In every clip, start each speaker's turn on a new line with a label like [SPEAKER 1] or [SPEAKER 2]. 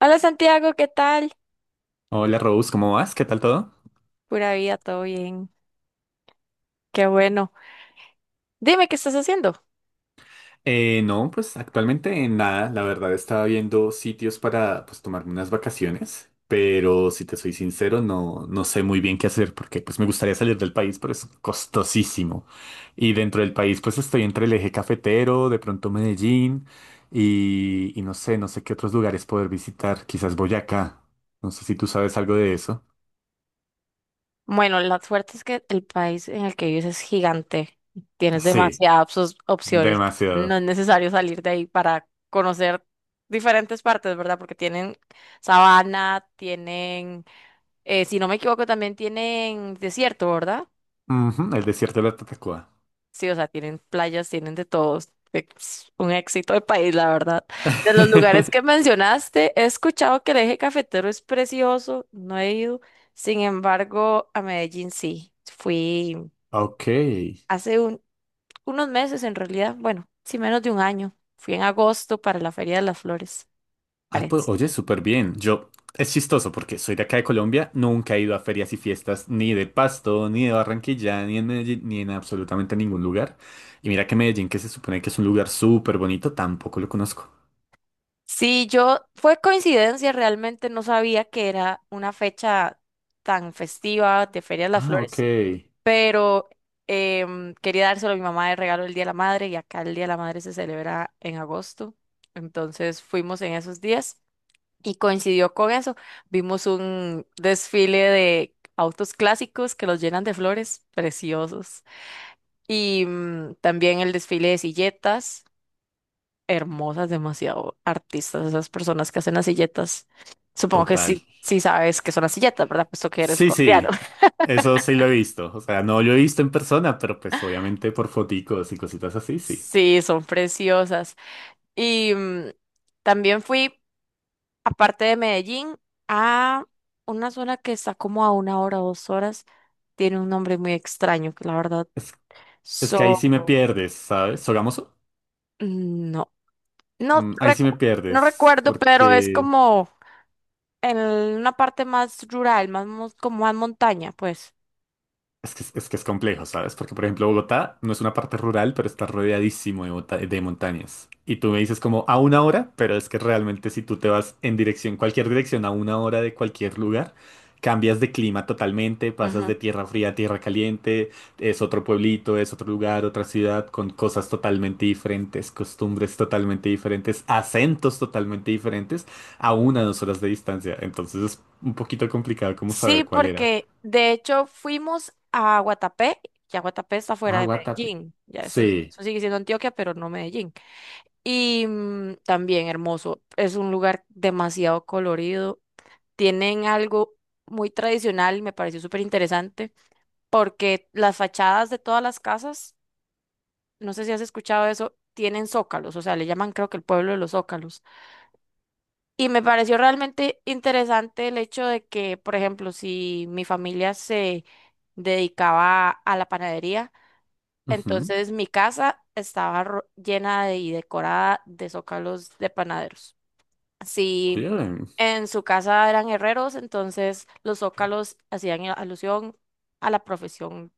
[SPEAKER 1] Hola Santiago, ¿qué tal?
[SPEAKER 2] Hola Rose, ¿cómo vas? ¿Qué tal todo?
[SPEAKER 1] Pura vida, todo bien. Qué bueno. Dime, ¿qué estás haciendo?
[SPEAKER 2] No, pues actualmente en nada, la verdad estaba viendo sitios para pues tomarme unas vacaciones, pero si te soy sincero no sé muy bien qué hacer porque pues me gustaría salir del país, pero es costosísimo. Y dentro del país pues estoy entre el eje cafetero, de pronto Medellín y no sé, no sé qué otros lugares poder visitar, quizás Boyacá, no sé si tú sabes algo de eso.
[SPEAKER 1] Bueno, la suerte es que el país en el que vives es gigante. Tienes
[SPEAKER 2] Sí,
[SPEAKER 1] demasiadas opciones. No
[SPEAKER 2] demasiado.
[SPEAKER 1] es necesario salir de ahí para conocer diferentes partes, ¿verdad? Porque tienen sabana, tienen, si no me equivoco, también tienen desierto, ¿verdad?
[SPEAKER 2] Ujú, el desierto de la Tatacoa.
[SPEAKER 1] Sí, o sea, tienen playas, tienen de todos. Es un éxito de país, la verdad. De los lugares que mencionaste, he escuchado que el eje cafetero es precioso, no he ido. Sin embargo, a Medellín sí. Fui
[SPEAKER 2] Ok.
[SPEAKER 1] hace un- unos meses en realidad, bueno, sí menos de un año. Fui en agosto para la Feria de las Flores,
[SPEAKER 2] Ah, pues,
[SPEAKER 1] parece.
[SPEAKER 2] oye, súper bien. Yo, es chistoso porque soy de acá de Colombia, nunca he ido a ferias y fiestas ni de Pasto, ni de Barranquilla, ni en Medellín, ni en absolutamente ningún lugar. Y mira que Medellín, que se supone que es un lugar súper bonito, tampoco lo conozco.
[SPEAKER 1] Sí, yo, fue coincidencia, realmente no sabía que era una fecha tan festiva de Feria de las
[SPEAKER 2] Ah, ok.
[SPEAKER 1] Flores, pero quería dárselo a mi mamá de regalo el Día de la Madre, y acá el Día de la Madre se celebra en agosto. Entonces fuimos en esos días y coincidió con eso. Vimos un desfile de autos clásicos que los llenan de flores preciosos y también el desfile de silletas hermosas, demasiado artistas esas personas que hacen las silletas. Supongo que
[SPEAKER 2] Total.
[SPEAKER 1] sí, sí sabes que son las silletas, ¿verdad? Puesto que eres
[SPEAKER 2] Sí,
[SPEAKER 1] colombiano.
[SPEAKER 2] sí. Eso sí lo he visto. O sea, no lo he visto en persona, pero pues obviamente por foticos y cositas así, sí.
[SPEAKER 1] Sí, son preciosas. Y también fui, aparte de Medellín, a una zona que está como a una hora, o dos horas. Tiene un nombre muy extraño, que la verdad.
[SPEAKER 2] Es, es que ahí sí me
[SPEAKER 1] So,
[SPEAKER 2] pierdes, ¿sabes? ¿Sogamoso?
[SPEAKER 1] mm, no, no,
[SPEAKER 2] Mm, ahí sí me
[SPEAKER 1] no
[SPEAKER 2] pierdes,
[SPEAKER 1] recuerdo, pero es
[SPEAKER 2] porque...
[SPEAKER 1] como en una parte más rural, como más montaña, pues.
[SPEAKER 2] Es que, es que es complejo, ¿sabes? Porque, por ejemplo, Bogotá no es una parte rural, pero está rodeadísimo de, de montañas. Y tú me dices como a una hora, pero es que realmente si tú te vas en dirección, cualquier dirección, a una hora de cualquier lugar, cambias de clima totalmente, pasas de
[SPEAKER 1] Ujú.
[SPEAKER 2] tierra fría a tierra caliente, es otro pueblito, es otro lugar, otra ciudad, con cosas totalmente diferentes, costumbres totalmente diferentes, acentos totalmente diferentes, a una o dos horas de distancia. Entonces es un poquito complicado como
[SPEAKER 1] Sí,
[SPEAKER 2] saber cuál era.
[SPEAKER 1] porque de hecho fuimos a Guatapé, ya Guatapé está fuera
[SPEAKER 2] Ah,
[SPEAKER 1] de
[SPEAKER 2] Guatate.
[SPEAKER 1] Medellín, ya eso,
[SPEAKER 2] Sí.
[SPEAKER 1] eso sigue siendo Antioquia, pero no Medellín. Y también hermoso, es un lugar demasiado colorido. Tienen algo muy tradicional y me pareció súper interesante porque las fachadas de todas las casas, no sé si has escuchado eso, tienen zócalos, o sea, le llaman creo que el pueblo de los zócalos. Y me pareció realmente interesante el hecho de que, por ejemplo, si mi familia se dedicaba a la panadería,
[SPEAKER 2] Ujú.
[SPEAKER 1] entonces mi casa estaba y decorada de zócalos de panaderos. Sí.
[SPEAKER 2] Oye,
[SPEAKER 1] En su casa eran herreros, entonces los zócalos hacían alusión a la profesión,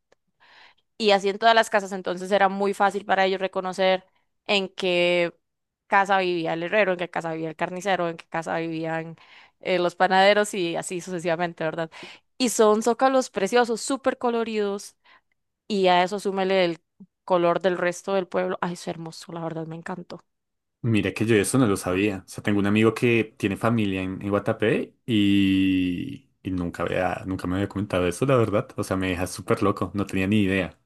[SPEAKER 1] y así en todas las casas, entonces era muy fácil para ellos reconocer en qué casa vivía el herrero, en qué casa vivía el carnicero, en qué casa vivían los panaderos, y así sucesivamente, ¿verdad? Y son zócalos preciosos, súper coloridos, y a eso súmele el color del resto del pueblo. Ay, es hermoso, la verdad, me encantó.
[SPEAKER 2] mira que yo eso no lo sabía. O sea, tengo un amigo que tiene familia en Guatapé y nunca había, nunca me había comentado eso, la verdad. O sea, me deja súper loco. No tenía ni idea.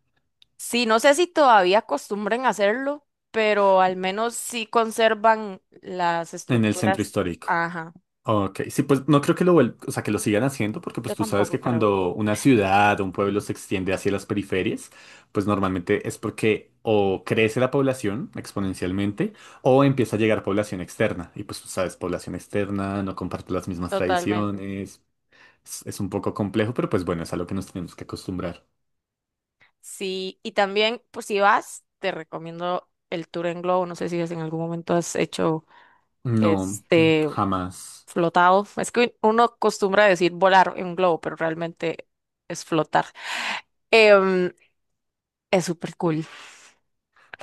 [SPEAKER 1] Sí, no sé si todavía acostumbren a hacerlo, pero al menos sí conservan las
[SPEAKER 2] En el centro
[SPEAKER 1] estructuras.
[SPEAKER 2] histórico.
[SPEAKER 1] Ajá,
[SPEAKER 2] Ok, sí, pues no creo que o sea, que lo sigan haciendo, porque pues
[SPEAKER 1] yo
[SPEAKER 2] tú sabes
[SPEAKER 1] tampoco
[SPEAKER 2] que
[SPEAKER 1] creo,
[SPEAKER 2] cuando una ciudad o un pueblo se extiende hacia las periferias, pues normalmente es porque o crece la población exponencialmente o empieza a llegar población externa. Y pues tú sabes, población externa no comparte las mismas
[SPEAKER 1] totalmente.
[SPEAKER 2] tradiciones, es un poco complejo, pero pues bueno, es a lo que nos tenemos que acostumbrar.
[SPEAKER 1] Sí, y también, pues si vas, te recomiendo el tour en globo. No sé si en algún momento has hecho
[SPEAKER 2] No,
[SPEAKER 1] este
[SPEAKER 2] jamás.
[SPEAKER 1] flotado. Es que uno acostumbra a decir volar en un globo, pero realmente es flotar. Em, es súper cool,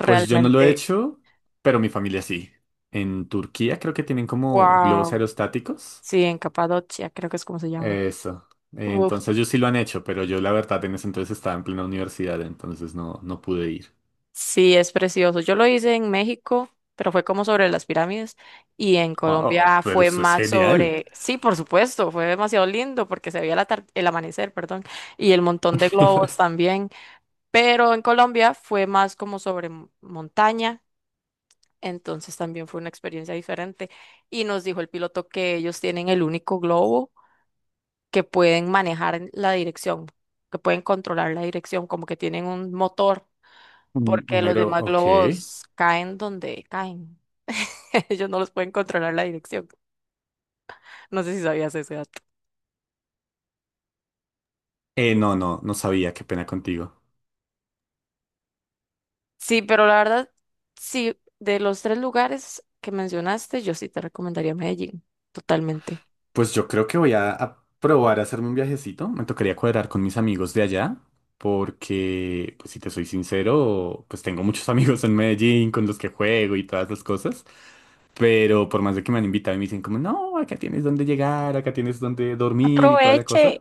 [SPEAKER 2] Pues yo no lo he hecho, pero mi familia sí. En Turquía creo que tienen como globos
[SPEAKER 1] Wow.
[SPEAKER 2] aerostáticos.
[SPEAKER 1] Sí, en Capadocia, creo que es como se llama.
[SPEAKER 2] Eso. Entonces ellos sí lo han hecho, pero yo la verdad en ese entonces estaba en plena universidad, entonces no pude ir.
[SPEAKER 1] Sí, es precioso. Yo lo hice en México, pero fue como sobre las pirámides. Y en
[SPEAKER 2] Oh, oh,
[SPEAKER 1] Colombia
[SPEAKER 2] pero
[SPEAKER 1] fue
[SPEAKER 2] eso es
[SPEAKER 1] más
[SPEAKER 2] genial.
[SPEAKER 1] sobre, sí, por supuesto, fue demasiado lindo porque se veía el amanecer, perdón, y el montón de globos también. Pero en Colombia fue más como sobre montaña, entonces también fue una experiencia diferente. Y nos dijo el piloto que ellos tienen el único globo que pueden manejar en la dirección, que pueden controlar la dirección, como que tienen un motor,
[SPEAKER 2] Un
[SPEAKER 1] porque los
[SPEAKER 2] negro,
[SPEAKER 1] demás
[SPEAKER 2] ok.
[SPEAKER 1] globos caen donde caen. Ellos no los pueden controlar la dirección. No sé si sabías ese dato.
[SPEAKER 2] No, no sabía, qué pena contigo.
[SPEAKER 1] Sí, pero la verdad, sí, de los tres lugares que mencionaste, yo sí te recomendaría Medellín, totalmente.
[SPEAKER 2] Pues yo creo que a probar a hacerme un viajecito. Me tocaría cuadrar con mis amigos de allá, porque, pues si te soy sincero, pues tengo muchos amigos en Medellín con los que juego y todas las cosas. Pero por más de que me han invitado y me dicen como, no, acá tienes donde llegar, acá tienes donde dormir y toda la
[SPEAKER 1] Aproveche.
[SPEAKER 2] cosa,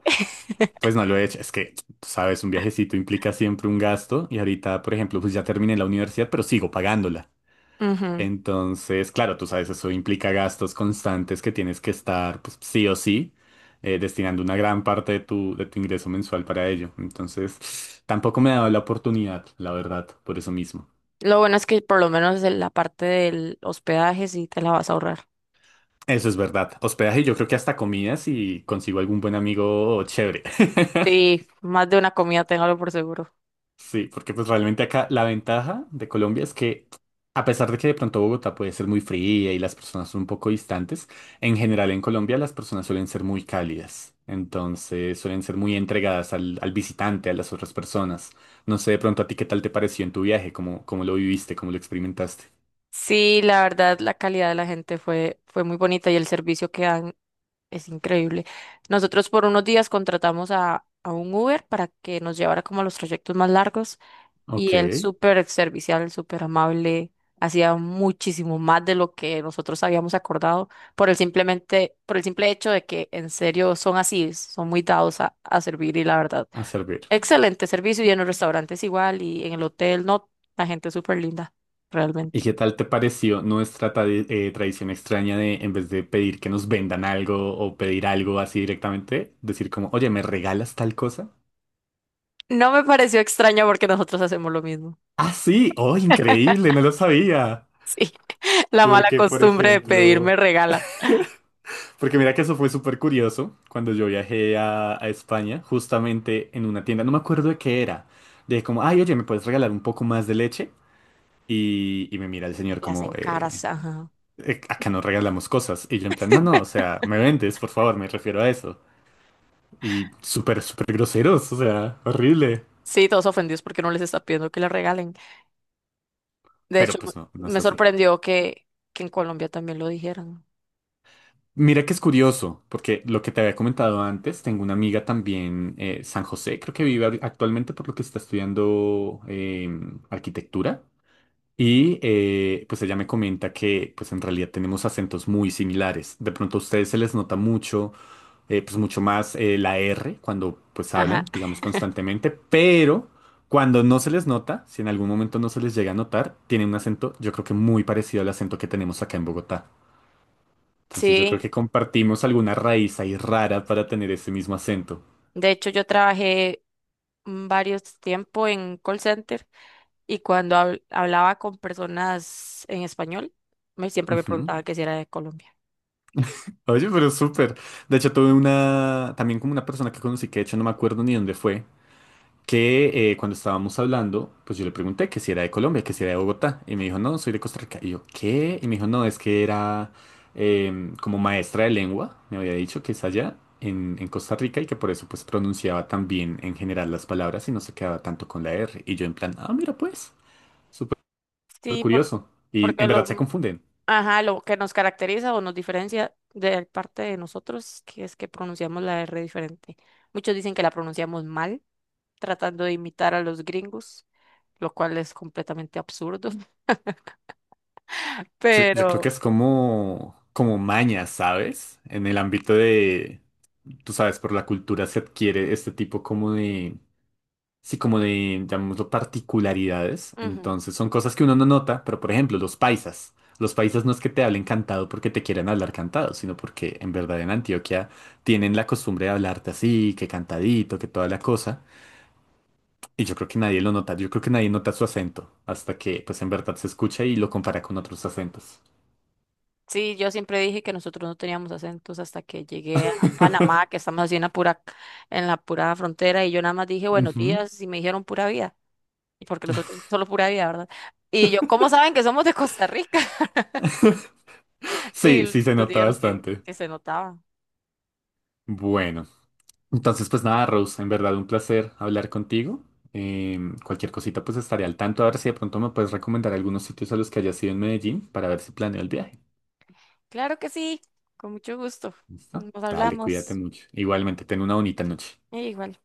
[SPEAKER 2] pues no lo he hecho. Es que, tú sabes, un viajecito implica siempre un gasto y ahorita, por ejemplo, pues ya terminé la universidad, pero sigo pagándola.
[SPEAKER 1] Ujú.
[SPEAKER 2] Entonces, claro, tú sabes, eso implica gastos constantes que tienes que estar, pues, sí o sí, destinando una gran parte de de tu ingreso mensual para ello. Entonces, tampoco me ha dado la oportunidad, la verdad, por eso mismo.
[SPEAKER 1] Lo bueno es que por lo menos en la parte del hospedaje sí te la vas a ahorrar.
[SPEAKER 2] Eso es verdad. Hospedaje, yo creo que hasta comidas y consigo algún buen amigo chévere.
[SPEAKER 1] Sí, más de una comida, téngalo por seguro.
[SPEAKER 2] Sí, porque pues realmente acá la ventaja de Colombia es que a pesar de que de pronto Bogotá puede ser muy fría y las personas son un poco distantes, en general en Colombia las personas suelen ser muy cálidas, entonces suelen ser muy entregadas al visitante, a las otras personas. No sé de pronto a ti qué tal te pareció en tu viaje, cómo, cómo lo viviste, cómo lo experimentaste.
[SPEAKER 1] Sí, la verdad, la calidad de la gente fue, fue muy bonita, y el servicio que dan es increíble. Nosotros por unos días contratamos a un Uber para que nos llevara como a los trayectos más largos, y
[SPEAKER 2] Ok,
[SPEAKER 1] él súper servicial, súper amable, hacía muchísimo más de lo que nosotros habíamos acordado por el simple hecho de que en serio son así, son muy dados a servir, y la verdad,
[SPEAKER 2] a servir.
[SPEAKER 1] excelente servicio, y en los restaurantes igual, y en el hotel, no, la gente es súper linda,
[SPEAKER 2] ¿Y
[SPEAKER 1] realmente.
[SPEAKER 2] qué tal te pareció nuestra tradición extraña de, en vez de pedir que nos vendan algo o pedir algo así directamente, decir como, oye, ¿me regalas tal cosa?
[SPEAKER 1] No me pareció extraño porque nosotros hacemos lo mismo.
[SPEAKER 2] Ah, sí, oh, increíble, no lo sabía.
[SPEAKER 1] Sí, la mala
[SPEAKER 2] Porque, por
[SPEAKER 1] costumbre de
[SPEAKER 2] ejemplo,
[SPEAKER 1] pedirme regala.
[SPEAKER 2] porque mira que eso fue súper curioso cuando yo viajé a España, justamente en una tienda, no me acuerdo de qué era. De como, ay, oye, ¿me puedes regalar un poco más de leche? Y me mira el señor
[SPEAKER 1] Le
[SPEAKER 2] como,
[SPEAKER 1] hacen caras, ajá.
[SPEAKER 2] acá no regalamos cosas. Y yo en plan, no, no, o sea, me vendes, por favor, me refiero a eso. Y súper, súper groseros, o sea, horrible.
[SPEAKER 1] Sí, todos ofendidos porque no les está pidiendo que le regalen. De hecho,
[SPEAKER 2] Pero pues no, no es
[SPEAKER 1] me
[SPEAKER 2] así.
[SPEAKER 1] sorprendió que en Colombia también lo dijeran.
[SPEAKER 2] Mira que es curioso, porque lo que te había comentado antes, tengo una amiga también, San José, creo que vive actualmente por lo que está estudiando arquitectura. Y pues ella me comenta que pues en realidad tenemos acentos muy similares. De pronto a ustedes se les nota mucho, pues mucho más la R cuando pues
[SPEAKER 1] Ajá.
[SPEAKER 2] hablan, digamos constantemente, pero cuando no se les nota, si en algún momento no se les llega a notar, tienen un acento yo creo que muy parecido al acento que tenemos acá en Bogotá. Entonces yo creo
[SPEAKER 1] Sí,
[SPEAKER 2] que compartimos alguna raíz ahí rara para tener ese mismo acento.
[SPEAKER 1] de hecho yo trabajé varios tiempo en call center, y cuando hablaba con personas en español, me siempre me
[SPEAKER 2] Ujú.
[SPEAKER 1] preguntaba que si era de Colombia.
[SPEAKER 2] Oye, pero súper. De hecho, tuve una, también como una persona que conocí, que de hecho no me acuerdo ni dónde fue, que cuando estábamos hablando, pues yo le pregunté que si era de Colombia, que si era de Bogotá, y me dijo, no, soy de Costa Rica. Y yo, ¿qué? Y me dijo, no, es que era como maestra de lengua, me había dicho que es allá en Costa Rica y que por eso pues pronunciaba tan bien en general las palabras y no se quedaba tanto con la R. Y yo en plan, ah, mira pues. Súper súper
[SPEAKER 1] Sí, por-
[SPEAKER 2] curioso. Y
[SPEAKER 1] porque
[SPEAKER 2] en verdad
[SPEAKER 1] lo,
[SPEAKER 2] se confunden.
[SPEAKER 1] Ajá, lo que nos caracteriza o nos diferencia de parte de nosotros, que es que pronunciamos la R diferente. Muchos dicen que la pronunciamos mal, tratando de imitar a los gringos, lo cual es completamente absurdo,
[SPEAKER 2] Yo creo
[SPEAKER 1] pero
[SPEAKER 2] que es como, como maña, ¿sabes? En el ámbito de, tú sabes, por la cultura se adquiere este tipo como de, sí, como de, llamémoslo, particularidades.
[SPEAKER 1] ujú.
[SPEAKER 2] Entonces son cosas que uno no nota, pero por ejemplo, los paisas. Los paisas no es que te hablen cantado porque te quieran hablar cantado, sino porque en verdad en Antioquia tienen la costumbre de hablarte así, que cantadito, que toda la cosa. Y yo creo que nadie lo nota, yo creo que nadie nota su acento, hasta que pues en verdad se escucha y lo compara con otros acentos.
[SPEAKER 1] Sí, yo siempre dije que nosotros no teníamos acentos hasta que llegué a Panamá, que estamos así en la pura frontera, y yo nada más dije buenos
[SPEAKER 2] Ujú.
[SPEAKER 1] días y me dijeron pura vida, y porque nosotros solo pura vida, ¿verdad? Y yo, ¿cómo saben que somos de Costa Rica? Y
[SPEAKER 2] Sí, sí se
[SPEAKER 1] nos
[SPEAKER 2] nota
[SPEAKER 1] dijeron
[SPEAKER 2] bastante.
[SPEAKER 1] que se notaba.
[SPEAKER 2] Bueno, entonces pues nada, Rose, en verdad un placer hablar contigo. Cualquier cosita pues estaré al tanto, a ver si de pronto me puedes recomendar algunos sitios a los que hayas ido en Medellín para ver si planeo el viaje.
[SPEAKER 1] Claro que sí, con mucho gusto.
[SPEAKER 2] ¿Listo?
[SPEAKER 1] Nos
[SPEAKER 2] Dale, cuídate
[SPEAKER 1] hablamos.
[SPEAKER 2] mucho. Igualmente, ten una bonita noche.
[SPEAKER 1] Y